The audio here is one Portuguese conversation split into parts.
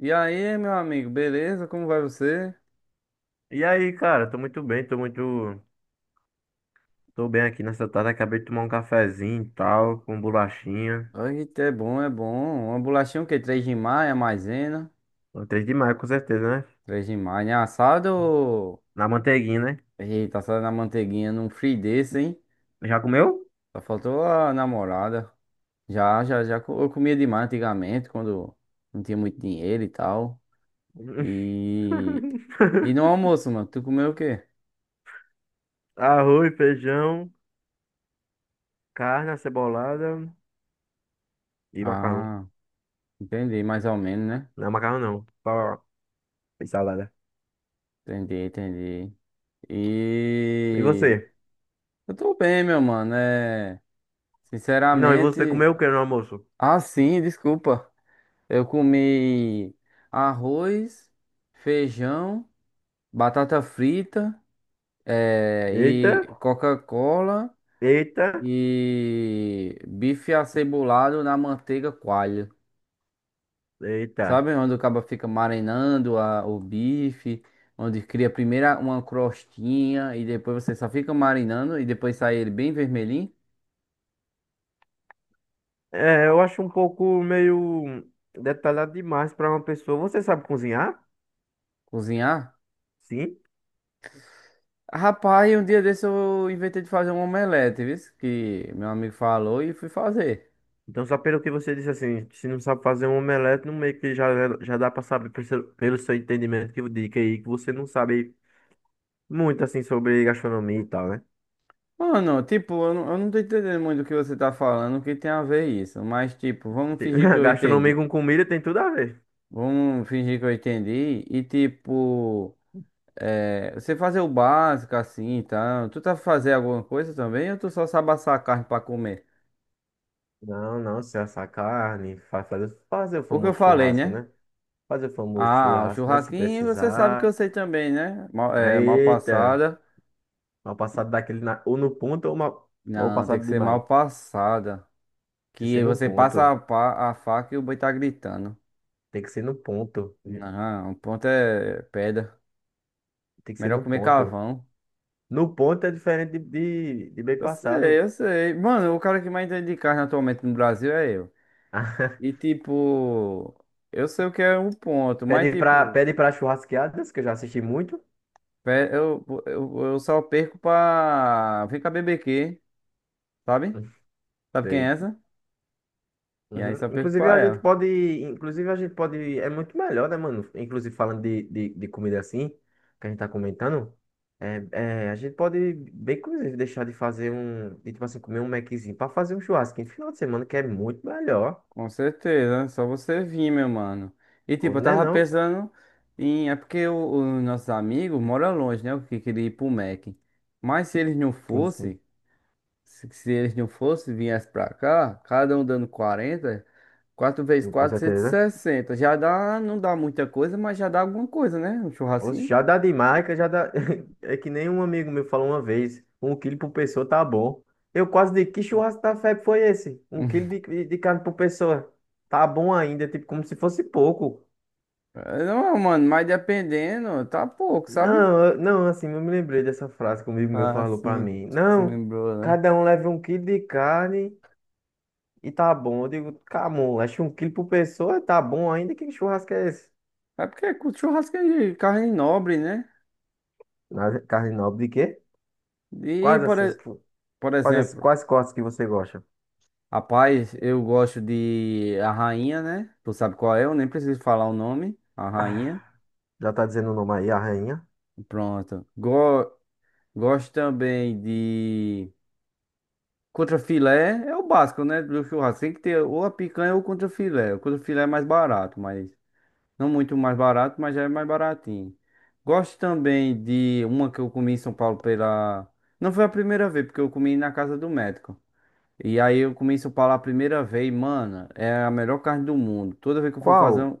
E aí, meu amigo, beleza? Como vai você? E aí, cara, tô muito bem, tô muito. Tô bem aqui nessa tarde. Acabei de tomar um cafezinho e tal, com um bolachinha. Ai, é bom, é bom. Uma bolachinha o quê? Três de maio, maisena. Gostei demais, com certeza, né? Três de maio, né? Assado ou. Na manteiguinha, né? Eita, assado na manteiguinha num free desse, hein? Já comeu? Só faltou a namorada. Já, já, já. Eu comia demais antigamente, quando não tinha muito dinheiro e tal. E... E no almoço, mano, tu comeu o quê? Arroz, feijão, carne, acebolada e macarrão. Ah, entendi, mais ou menos, né? Não é macarrão, não. Só E salada. Entendi, entendi. E E... você? Eu tô bem, meu mano, Não, e você sinceramente, comeu o que no almoço? ah, sim, desculpa. Eu comi arroz, feijão, batata frita, Eita, e Coca-Cola eita, e bife acebolado na manteiga coalho. eita. Sabe onde o cabo fica marinando o bife, onde cria primeiro uma crostinha e depois você só fica marinando e depois sai ele bem vermelhinho, É, eu acho um pouco meio detalhado demais pra uma pessoa. Você sabe cozinhar? cozinhar? Sim. Rapaz, um dia desse eu inventei de fazer um omelete, viu? Que meu amigo falou e fui fazer. Então, só pelo que você disse assim, se não sabe fazer um omelete, no meio que já dá pra saber pelo seu entendimento que, eu digo aí que você não sabe muito assim sobre gastronomia e tal, né? Mano, tipo, eu não tô entendendo muito o que você tá falando, o que tem a ver isso. Mas, tipo, vamos Tem- fingir que eu Gastronomia entendi. com comida tem tudo a ver. Vamos fingir que eu entendi. E, tipo, você fazer o básico assim e tal. Tu tá fazer alguma coisa também ou tu só sabe assar a carne pra comer? Não, não, se assar carne, fazer o O que eu famoso falei, churrasco, né? né? Fazer o famoso Ah, o churrasco, né? Se churrasquinho você sabe que eu precisar. sei também, né? Mal, mal Eita, passada. uma passada daquele na, ou no ponto ou uma ou Não, tem que passada ser demais. mal passada. Tem que Que ser no você passa ponto. a faca e o boi tá gritando. Tem que ser no ponto. Não, o ponto é pedra. Tem que ser Melhor no comer ponto. carvão. No ponto é diferente de bem Eu sei, passado. eu sei. Mano, o cara que mais entende de carne atualmente no Brasil é eu. E tipo, eu sei o que é um ponto, mas Pede pra, tipo, pede pra churrasqueadas, que eu já assisti muito. eu só perco pra. Vem cá, BBQ, sabe? Sabe quem é Sei. essa? E aí Uhum. só perco Inclusive pra a gente ela. pode, inclusive a gente pode, é muito melhor, né, mano? Inclusive falando de comida assim, que a gente tá comentando, a gente pode bem, inclusive, deixar de fazer tipo assim, comer um Maczinho pra fazer um churrasco no final de semana, que é muito melhor, Com certeza, é só você vir, meu mano. E tipo, eu não é tava não? pensando em. É porque os nossos amigos moram longe, né? O que queria ir pro Mac. Mas se eles não Sim, sim, fossem, se eles não fossem, viessem pra cá, cada um dando 40, quatro vezes com quatro, cento e certeza. sessenta, já dá, não dá muita coisa, mas já dá alguma coisa, né? Um Oxe, churrasquinho. já dá de marca, já dá. É que nem um amigo meu falou uma vez: um quilo por pessoa tá bom. Eu quase digo: que churrasco da febre foi esse? Um quilo de carne por pessoa. Tá bom ainda, tipo, como se fosse pouco. É, não, mano, mas dependendo, tá pouco, sabe? Não, assim, eu me lembrei dessa frase que um amigo meu Ah, falou pra sim, mim: tu se não, lembrou, né? cada um leva um quilo de carne e tá bom. Eu digo: camon, acho que um quilo por pessoa tá bom ainda. Que churrasco é esse? É porque com churrasco é de carne nobre, né? Carne nobre de quê? E, Quais por, assim, e- as- quais, por as- exemplo, Quais cortes que você gosta? rapaz, eu gosto de A Rainha, né? Tu sabe qual é, eu nem preciso falar o nome. A Rainha. Já tá dizendo o nome aí, a rainha. Pronto. Gosto também de contrafilé, é o básico, né? Do churrasco. Tem que ter ou a picanha ou o contrafilé. O contrafilé é mais barato, mas não muito mais barato, mas já é mais baratinho. Gosto também de uma que eu comi em São Paulo pela. Não foi a primeira vez, porque eu comi na casa do médico. E aí eu comi isso para lá a primeira vez, mano, é a melhor carne do mundo. Toda vez que eu for fazer Qual? um,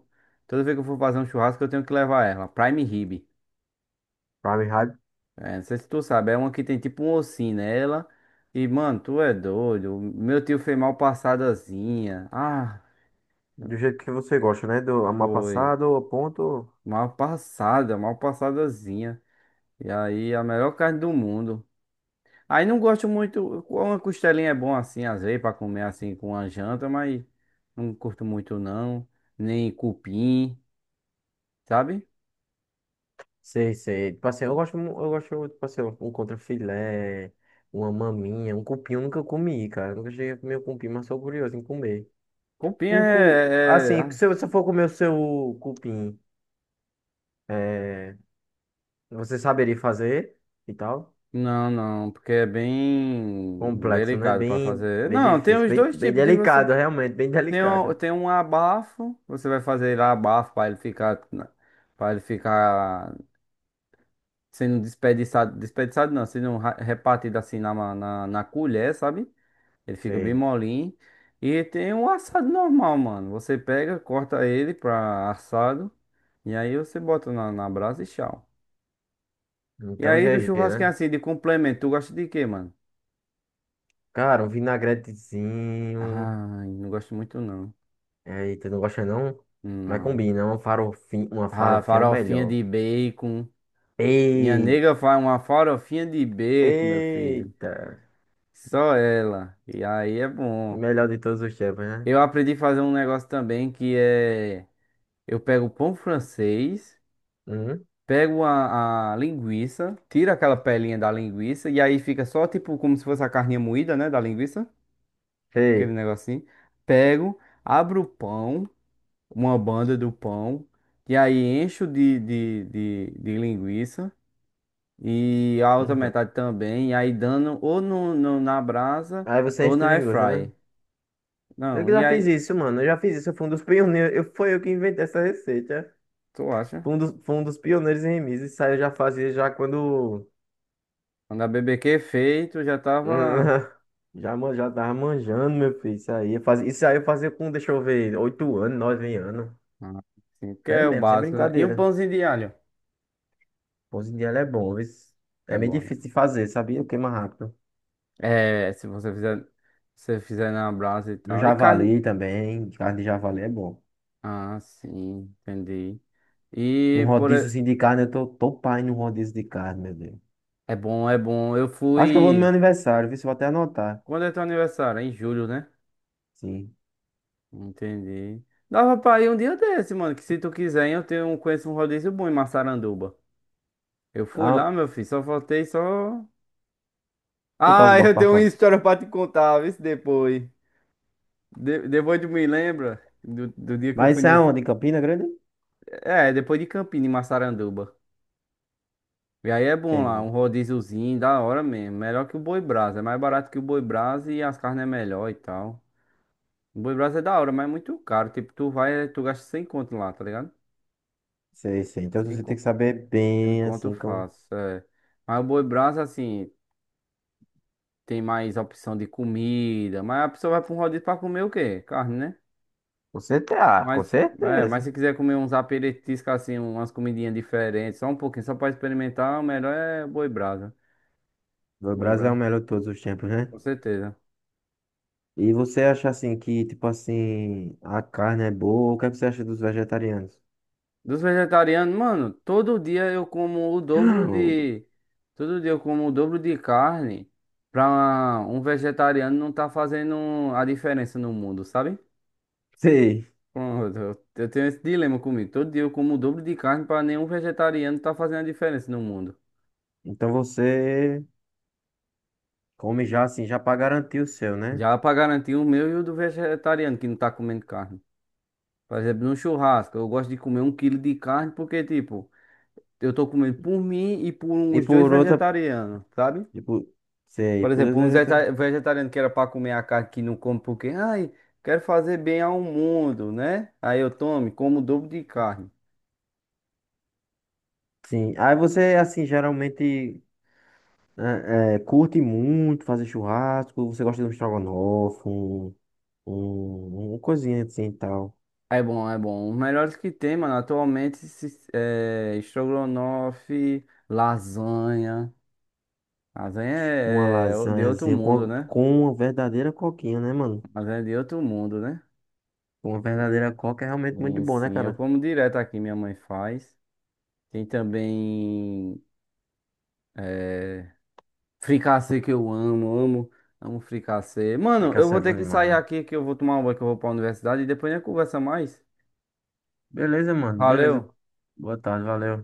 toda vez que eu for fazer um churrasco, eu tenho que levar ela, Prime Rib. Prime Fahrenheit, É, não sei se tu sabe, é uma que tem tipo um ossinho nela. E, mano, tu é doido. Meu tio fez mal passadazinha. Ah, do jeito que você gosta, né? Do foi. amapassado, ponto. Mal passada, mal passadazinha. E aí, a melhor carne do mundo. Aí não gosto muito. Uma costelinha é bom assim, às vezes, pra comer assim com a janta, mas não curto muito não nem cupim. Sabe? Sei, sei. Tipo assim, eu gosto, tipo assim, um contrafilé, uma maminha, um cupim eu nunca comi, cara. Eu nunca cheguei a comer um cupim, mas sou curioso em comer. Cupim Um cu... é, é- Assim, ah, se você for comer o seu cupim, é, você saberia fazer e tal? Não, não, porque é bem Complexo, né? delicado pra Bem, fazer. bem Não, tem difícil, os bem, dois bem tipos de você. delicado, realmente, bem Tem um, delicado. tem um abafo, você vai fazer lá abafo para ele ficar sendo desperdiçado, desperdiçado não, sendo repartido assim na colher, sabe? Ele fica bem Sei. molinho. E tem um assado normal, mano. Você pega, corta ele pra assado e aí você bota na brasa e tchau. E Então, aí, do GG, churrasquinho né? assim, de complemento, tu gosta de quê, mano? Cara, um vinagretezinho. Ai, não gosto muito não. É, eita, não gosta não? Mas Não. combina, uma Ah, farofinha é o farofinha melhor. de bacon. Minha Ei, nega faz uma farofinha de bacon, meu filho. eita! Só ela. E aí é O bom. melhor de todos os tempos, né? Eu aprendi a fazer um negócio também que é. Eu pego o pão francês, Uhum. pego a linguiça, tiro aquela pelinha da linguiça, e aí fica só tipo como se fosse a carninha moída, né? Da linguiça. Aquele Sei. negocinho. Pego, abro o pão. Uma banda do pão, e aí encho de linguiça e a outra Uhum. metade também, e aí dando ou na brasa Aí você ou enche de na air linguiça, né? fry. Eu Não, que e já fiz aí, isso, mano. Eu já fiz isso. Eu fui um dos pioneiros. Foi eu que inventei essa receita. tu acha? Fui um dos pioneiros em remis. Isso aí eu já fazia já quando. Quando a BBQ feito, já tava Já, já tava manjando, meu filho. Isso aí eu fazia com, deixa eu ver, 8 anos, 9 anos. ah, assim, que é Sério o mesmo, sem básico, né? E um brincadeira. pãozinho de alho, Pose de ela é bom, viu? que É é meio bom, né? difícil de fazer, sabia? Queima rápido. É, se você fizer na brasa e No tal. E carne. javali também, carne de javali é bom. Ah, sim, entendi. E Um por. rodízio assim de carne, eu tô pai num rodízio de carne, meu Deus. É bom, é bom. Eu Acho que eu vou no meu fui. aniversário, viu? Se eu vou até anotar. Quando é teu aniversário? Em julho, né? Sim. Entendi. Dava pra ir um dia desse, mano. Que se tu quiser, conheço um rodízio bom em Massaranduba. Eu fui Ah, lá, meu filho, só faltei só. botar os Ah, bordos eu pra tenho uma fora. história pra te contar, vê se depois. Depois tu me lembra do dia que eu Mas fui isso é nesse. aonde? Em Campina Grande? É, depois de Campina, em Massaranduba. E aí é bom lá, um Entendi. rodíziozinho, da hora mesmo. Melhor que o Boi Brasa. É mais barato que o Boi Brasa e as carnes é melhor e tal. O Boi Brasa é da hora, mas é muito caro. Tipo, tu vai, tu gasta 100 conto lá, tá ligado? Sei, sei. Então Cem. você tem que saber bem, Enquanto eu assim, como... faço, é. Mas o Boi Brasa, assim, tem mais opção de comida. Mas a pessoa vai pra um rodízio pra comer o quê? Carne, né? Com certeza, ah, com Mas, mas certeza. se quiser comer uns aperitivos, assim, umas comidinhas diferentes, só um pouquinho, só pra experimentar, o melhor é Boi Brasa. O Boi Brasil é o Brasa, melhor de todos os tempos, né? com certeza. E você acha, assim, que, tipo assim, a carne é boa? O que é que você acha dos vegetarianos? Dos vegetarianos, mano, todo dia eu como o dobro de. Todo dia eu como o dobro de carne pra um vegetariano não tá fazendo a diferença no mundo, sabe? Sei. Bom, eu tenho esse dilema comigo. Todo dia eu como o dobro de carne para nenhum vegetariano tá fazendo a diferença no mundo. Então você come já assim, já pra garantir o seu, né? Já para garantir o meu e o do vegetariano que não tá comendo carne. Por exemplo, no churrasco, eu gosto de comer um quilo de carne porque, tipo, eu tô comendo por mim e por E uns dois por outra, vegetarianos, sabe? tipo, sei, Por por exemplo, outra um vegetariano. Vegetariano que era para comer a carne que não come porque, ai, quero fazer bem ao mundo, né? Aí eu tomo, e como o dobro de carne. Sim. Aí você, assim, geralmente curte muito fazer churrasco, você gosta de um estrogonofe, uma coisinha assim e tal. É bom, é bom. Os melhores que tem, mano, atualmente é estrogonofe, lasanha. Lasanha Uma é de lasanha, outro assim, mundo, né? com uma verdadeira coquinha, né, mano? Lasanha é de outro mundo, né? Com uma verdadeira coca é realmente muito Sim, bom, né, sim. Eu cara? como direto aqui, minha mãe faz. Tem também é, fricassê que eu amo, amo, amo fricassê. Mano, Fica eu vou é bom ter que demais, sair né? aqui que eu vou tomar um banho que eu vou pra universidade e depois a gente conversa mais. Beleza, mano. Beleza. Valeu. Boa tarde, valeu.